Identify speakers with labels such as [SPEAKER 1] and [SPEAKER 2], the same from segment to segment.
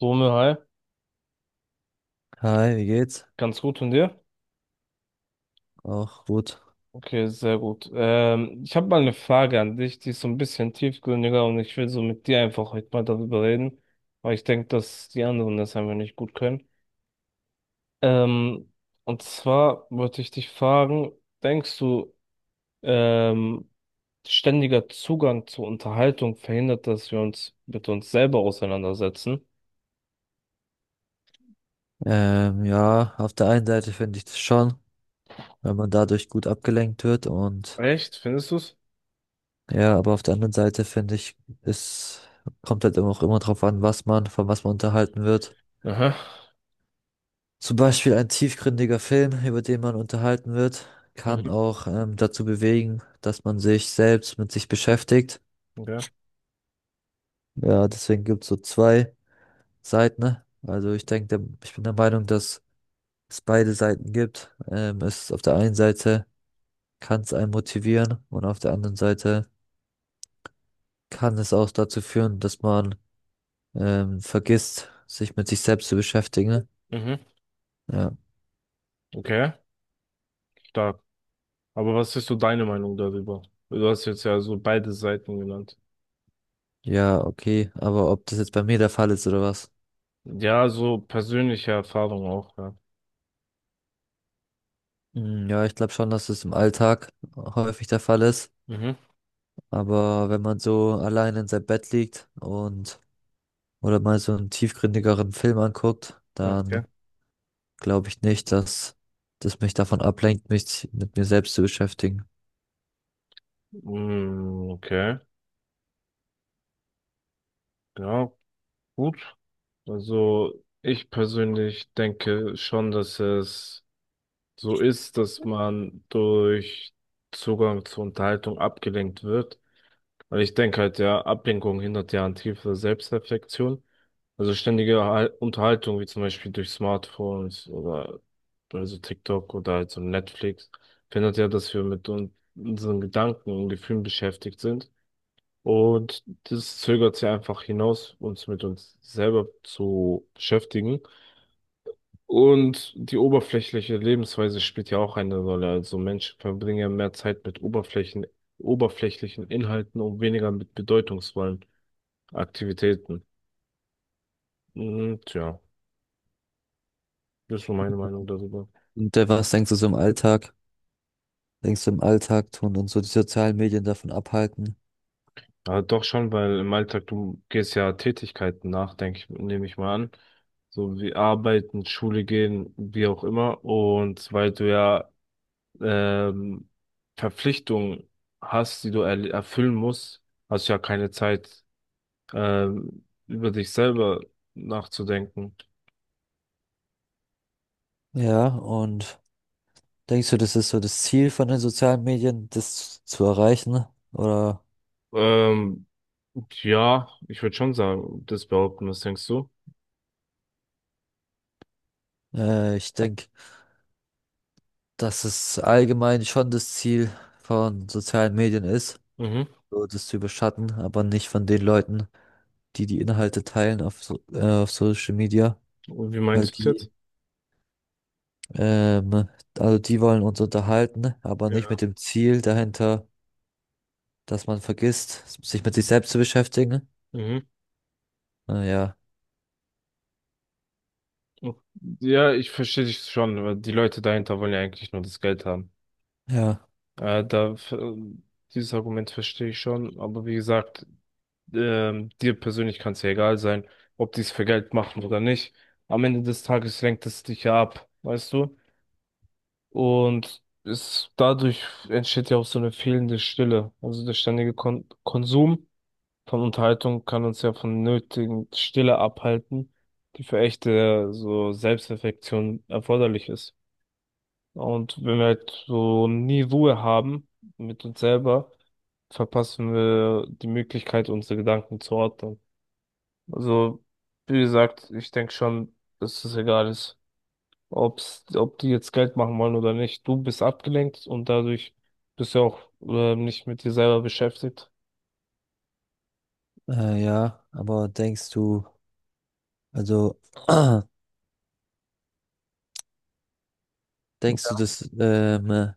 [SPEAKER 1] Dome, hi.
[SPEAKER 2] Hi, wie geht's?
[SPEAKER 1] Ganz gut und dir?
[SPEAKER 2] Auch gut.
[SPEAKER 1] Okay, sehr gut. Ich habe mal eine Frage an dich, die ist so ein bisschen tiefgründiger und ich will so mit dir einfach heute mal darüber reden, weil ich denke, dass die anderen das einfach nicht gut können. Ähm, und zwar wollte ich dich fragen, denkst du, ähm, ständiger Zugang zur Unterhaltung verhindert, dass wir uns mit uns selber auseinandersetzen?
[SPEAKER 2] Ja, auf der einen Seite finde ich das schon, wenn man dadurch gut abgelenkt wird, und
[SPEAKER 1] Echt? Findest du's?
[SPEAKER 2] ja, aber auf der anderen Seite finde ich, es kommt halt immer auch immer drauf an, was man, von was man unterhalten wird.
[SPEAKER 1] Aha.
[SPEAKER 2] Zum Beispiel ein tiefgründiger Film, über den man unterhalten wird, kann
[SPEAKER 1] Mhm.
[SPEAKER 2] auch dazu bewegen, dass man sich selbst mit sich beschäftigt.
[SPEAKER 1] Okay.
[SPEAKER 2] Ja, deswegen gibt's so zwei Seiten, ne? Also ich denke, ich bin der Meinung, dass es beide Seiten gibt. Es ist, auf der einen Seite kann es einen motivieren, und auf der anderen Seite kann es auch dazu führen, dass man vergisst, sich mit sich selbst zu beschäftigen.
[SPEAKER 1] Mhm.
[SPEAKER 2] Ja,
[SPEAKER 1] Okay. Stark. Aber was ist so deine Meinung darüber? Du hast jetzt ja so beide Seiten genannt.
[SPEAKER 2] ja, okay, aber ob das jetzt bei mir der Fall ist oder was?
[SPEAKER 1] Ja, so persönliche Erfahrung auch, ja.
[SPEAKER 2] Hm, ja, ich glaube schon, dass es im Alltag häufig der Fall ist,
[SPEAKER 1] Mhm.
[SPEAKER 2] aber wenn man so allein in seinem Bett liegt und oder mal so einen tiefgründigeren Film anguckt,
[SPEAKER 1] Okay.
[SPEAKER 2] dann glaube ich nicht, dass das mich davon ablenkt, mich mit mir selbst zu beschäftigen.
[SPEAKER 1] Mm, okay. Ja, gut. Also ich persönlich denke schon, dass es so ist, dass man durch Zugang zur Unterhaltung abgelenkt wird. Weil ich denke halt, ja, Ablenkung hindert ja an tiefer Selbstreflexion. Also ständige Unterhaltung, wie zum Beispiel durch Smartphones oder also TikTok oder halt so Netflix, verhindert ja, dass wir mit un unseren Gedanken und Gefühlen beschäftigt sind. Und das zögert sie einfach hinaus, uns mit uns selber zu beschäftigen. Und die oberflächliche Lebensweise spielt ja auch eine Rolle. Also Menschen verbringen ja mehr Zeit mit oberflächlichen Inhalten und weniger mit bedeutungsvollen Aktivitäten. Und ja, das ist so meine Meinung darüber.
[SPEAKER 2] Und was denkst du so im Alltag? Denkst du, im Alltag tun und so die sozialen Medien davon abhalten?
[SPEAKER 1] Ja, doch schon, weil im Alltag, du gehst ja Tätigkeiten nach, denke ich, nehme ich mal an. So wie arbeiten, Schule gehen, wie auch immer. Und weil du ja ähm, Verpflichtungen hast, die du erfüllen musst, hast du ja keine Zeit, über dich selber nachzudenken.
[SPEAKER 2] Ja, und denkst du, das ist so das Ziel von den sozialen Medien, das zu erreichen? Oder
[SPEAKER 1] Ähm, ja, ich würde schon sagen, das behaupten, was denkst du?
[SPEAKER 2] ich denke, dass es allgemein schon das Ziel von sozialen Medien ist,
[SPEAKER 1] Mhm.
[SPEAKER 2] so das zu überschatten, aber nicht von den Leuten, die die Inhalte teilen auf, so, auf Social Media,
[SPEAKER 1] Und wie
[SPEAKER 2] weil
[SPEAKER 1] meinst du es jetzt?
[SPEAKER 2] die, ähm, also die wollen uns unterhalten, aber nicht
[SPEAKER 1] Ja.
[SPEAKER 2] mit dem Ziel dahinter, dass man vergisst, sich mit sich selbst zu beschäftigen.
[SPEAKER 1] Mhm.
[SPEAKER 2] Naja.
[SPEAKER 1] Ja, ich verstehe dich schon, weil die Leute dahinter wollen ja eigentlich nur das Geld haben.
[SPEAKER 2] Ja,
[SPEAKER 1] Äh, da, f- äh, Dieses Argument verstehe ich schon, aber wie gesagt, dir persönlich kann es ja egal sein, ob die es für Geld machen oder nicht. Am Ende des Tages lenkt es dich ja ab, weißt du? Und es, dadurch entsteht ja auch so eine fehlende Stille. Also der ständige Konsum von Unterhaltung kann uns ja von nötigen Stille abhalten, die für echte so Selbstreflexion erforderlich ist. Und wenn wir halt so nie Ruhe haben mit uns selber, verpassen wir die Möglichkeit, unsere Gedanken zu ordnen. Also, wie gesagt, ich denke schon, dass es egal ist, ob die jetzt Geld machen wollen oder nicht. Du bist abgelenkt und dadurch bist du auch nicht mit dir selber beschäftigt.
[SPEAKER 2] ja, aber denkst du, also denkst du, das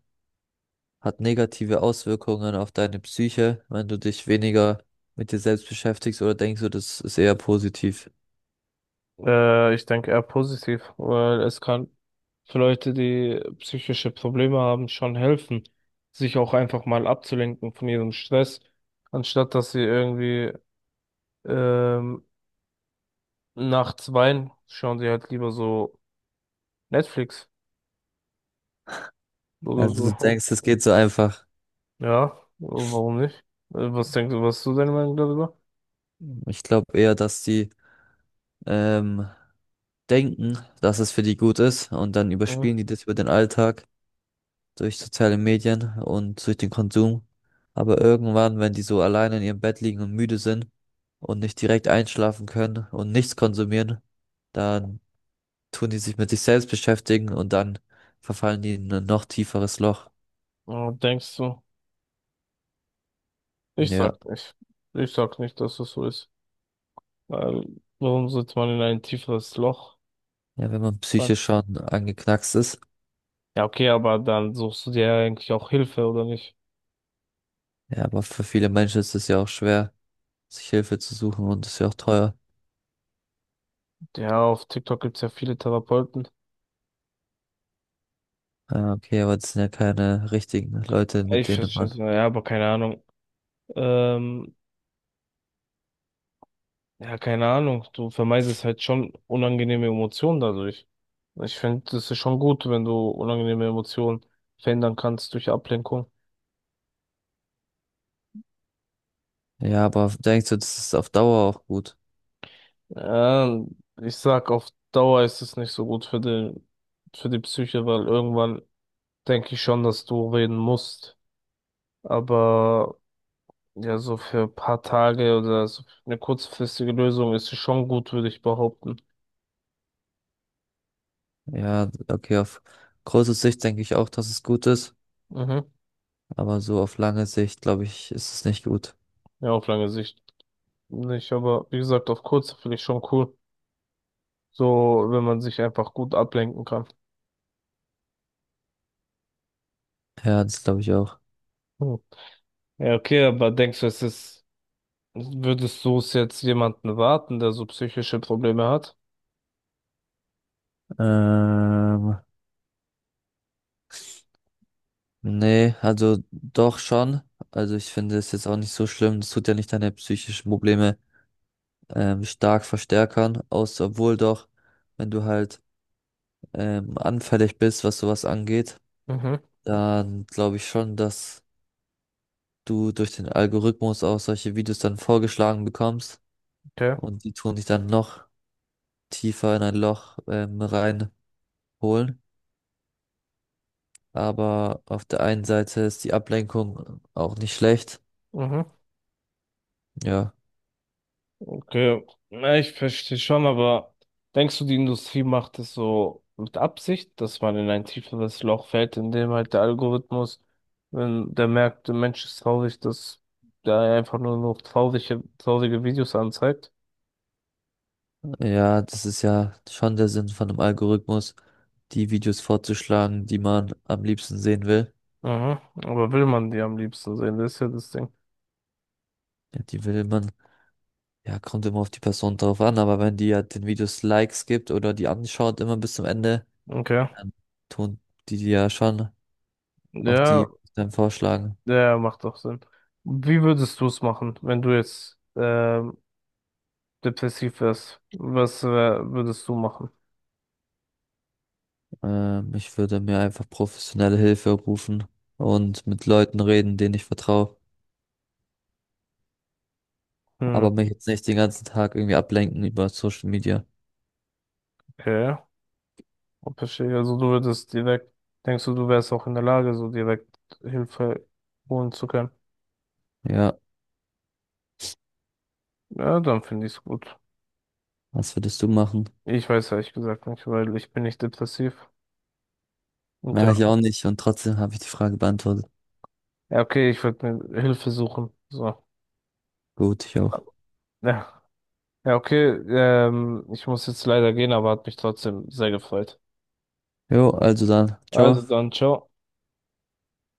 [SPEAKER 2] hat negative Auswirkungen auf deine Psyche, wenn du dich weniger mit dir selbst beschäftigst, oder denkst du, das ist eher positiv?
[SPEAKER 1] Ich denke eher positiv, weil es kann für Leute, die psychische Probleme haben, schon helfen, sich auch einfach mal abzulenken von ihrem Stress, anstatt dass sie irgendwie ähm, nachts weinen, schauen sie halt lieber so Netflix oder
[SPEAKER 2] Also du
[SPEAKER 1] so.
[SPEAKER 2] denkst, das geht so einfach.
[SPEAKER 1] Ja, warum nicht? Was denkst du, was ist so deine Meinung darüber?
[SPEAKER 2] Ich glaube eher, dass die ähm, denken, dass es für die gut ist, und dann
[SPEAKER 1] Mhm.
[SPEAKER 2] überspielen die das über den Alltag, durch soziale Medien und durch den Konsum. Aber irgendwann, wenn die so alleine in ihrem Bett liegen und müde sind und nicht direkt einschlafen können und nichts konsumieren, dann tun die sich mit sich selbst beschäftigen, und dann verfallen die in ein noch tieferes Loch.
[SPEAKER 1] Ja, denkst du? Ich
[SPEAKER 2] Ja,
[SPEAKER 1] sag nicht. Ich sag nicht, dass das so ist. Weil, warum sollte man in ein tieferes Loch
[SPEAKER 2] ja, wenn man
[SPEAKER 1] fallen?
[SPEAKER 2] psychisch schon angeknackst ist.
[SPEAKER 1] Ja, okay, aber dann suchst du dir ja eigentlich auch Hilfe, oder nicht?
[SPEAKER 2] Ja, aber für viele Menschen ist es ja auch schwer, sich Hilfe zu suchen, und ist ja auch teuer.
[SPEAKER 1] Ja, auf TikTok gibt's ja viele Therapeuten.
[SPEAKER 2] Ah, okay, aber das sind ja keine richtigen Leute, mit
[SPEAKER 1] Ich
[SPEAKER 2] denen
[SPEAKER 1] verstehe es,
[SPEAKER 2] man.
[SPEAKER 1] ja, aber keine Ahnung. Ähm, ja, keine Ahnung. Du vermeidest halt schon unangenehme Emotionen dadurch. Ich finde, das ist schon gut, wenn du unangenehme Emotionen verändern kannst durch Ablenkung.
[SPEAKER 2] Ja, aber denkst du, das ist auf Dauer auch gut?
[SPEAKER 1] Ähm, Ich sag, auf Dauer ist es nicht so gut für für die Psyche, weil irgendwann denke ich schon, dass du reden musst. Aber ja, so für ein paar Tage oder so eine kurzfristige Lösung ist sie schon gut, würde ich behaupten.
[SPEAKER 2] Ja, okay, auf große Sicht denke ich auch, dass es gut ist,
[SPEAKER 1] Mhm.
[SPEAKER 2] aber so auf lange Sicht, glaube ich, ist es nicht gut.
[SPEAKER 1] Ja, auf lange Sicht nicht, aber wie gesagt, auf kurz finde ich schon cool. So, wenn man sich einfach gut ablenken kann.
[SPEAKER 2] Ja, das glaube ich auch.
[SPEAKER 1] Hm. Ja, okay, aber denkst du, würdest du es jetzt jemanden warten, der so psychische Probleme hat?
[SPEAKER 2] Ähm, Nee, also doch schon. Also ich finde es jetzt auch nicht so schlimm. Das tut ja nicht deine psychischen Probleme stark verstärkern, außer obwohl doch, wenn du halt anfällig bist, was sowas angeht,
[SPEAKER 1] Mhm.
[SPEAKER 2] dann glaube ich schon, dass du durch den Algorithmus auch solche Videos dann vorgeschlagen bekommst,
[SPEAKER 1] Okay.
[SPEAKER 2] und die tun dich dann noch tiefer in ein Loch reinholen. Aber auf der einen Seite ist die Ablenkung auch nicht schlecht.
[SPEAKER 1] Mhm.
[SPEAKER 2] Ja,
[SPEAKER 1] Okay, na, ich verstehe schon, aber denkst du, die Industrie macht es so mit Absicht, dass man in ein tieferes Loch fällt, in dem halt der Algorithmus, wenn der merkt, der Mensch ist traurig, dass der einfach nur noch traurige Videos anzeigt?
[SPEAKER 2] ja, das ist ja schon der Sinn von einem Algorithmus, die Videos vorzuschlagen, die man am liebsten sehen will.
[SPEAKER 1] Mhm. Aber will man die am liebsten sehen? Das ist ja das Ding.
[SPEAKER 2] Ja, die will man, ja, kommt immer auf die Person drauf an, aber wenn die ja den Videos Likes gibt oder die anschaut immer bis zum Ende,
[SPEAKER 1] Okay.
[SPEAKER 2] dann tun die dir ja schon auch
[SPEAKER 1] Ja,
[SPEAKER 2] die dann vorschlagen.
[SPEAKER 1] ja, macht doch Sinn. Wie würdest du es machen, wenn du jetzt depressiv wärst? Was würdest du machen?
[SPEAKER 2] Ich würde mir einfach professionelle Hilfe rufen und mit Leuten reden, denen ich vertraue.
[SPEAKER 1] Hm,
[SPEAKER 2] Aber mich jetzt nicht den ganzen Tag irgendwie ablenken über Social Media.
[SPEAKER 1] okay. Oh, verstehe, also du würdest denkst du, du wärst auch in der Lage, so direkt Hilfe holen zu können?
[SPEAKER 2] Ja,
[SPEAKER 1] Ja, dann finde ich es gut.
[SPEAKER 2] was würdest du machen?
[SPEAKER 1] Ich weiß ehrlich gesagt nicht, weil ich bin nicht depressiv. Und ja,
[SPEAKER 2] Ja, ich auch nicht. Und trotzdem habe ich die Frage beantwortet.
[SPEAKER 1] ja, okay, ich würde mir Hilfe suchen. So.
[SPEAKER 2] Gut, ich auch.
[SPEAKER 1] Ja, ja, okay, ich muss jetzt leider gehen, aber hat mich trotzdem sehr gefreut.
[SPEAKER 2] Jo, also dann.
[SPEAKER 1] Also
[SPEAKER 2] Ciao.
[SPEAKER 1] dann, ciao.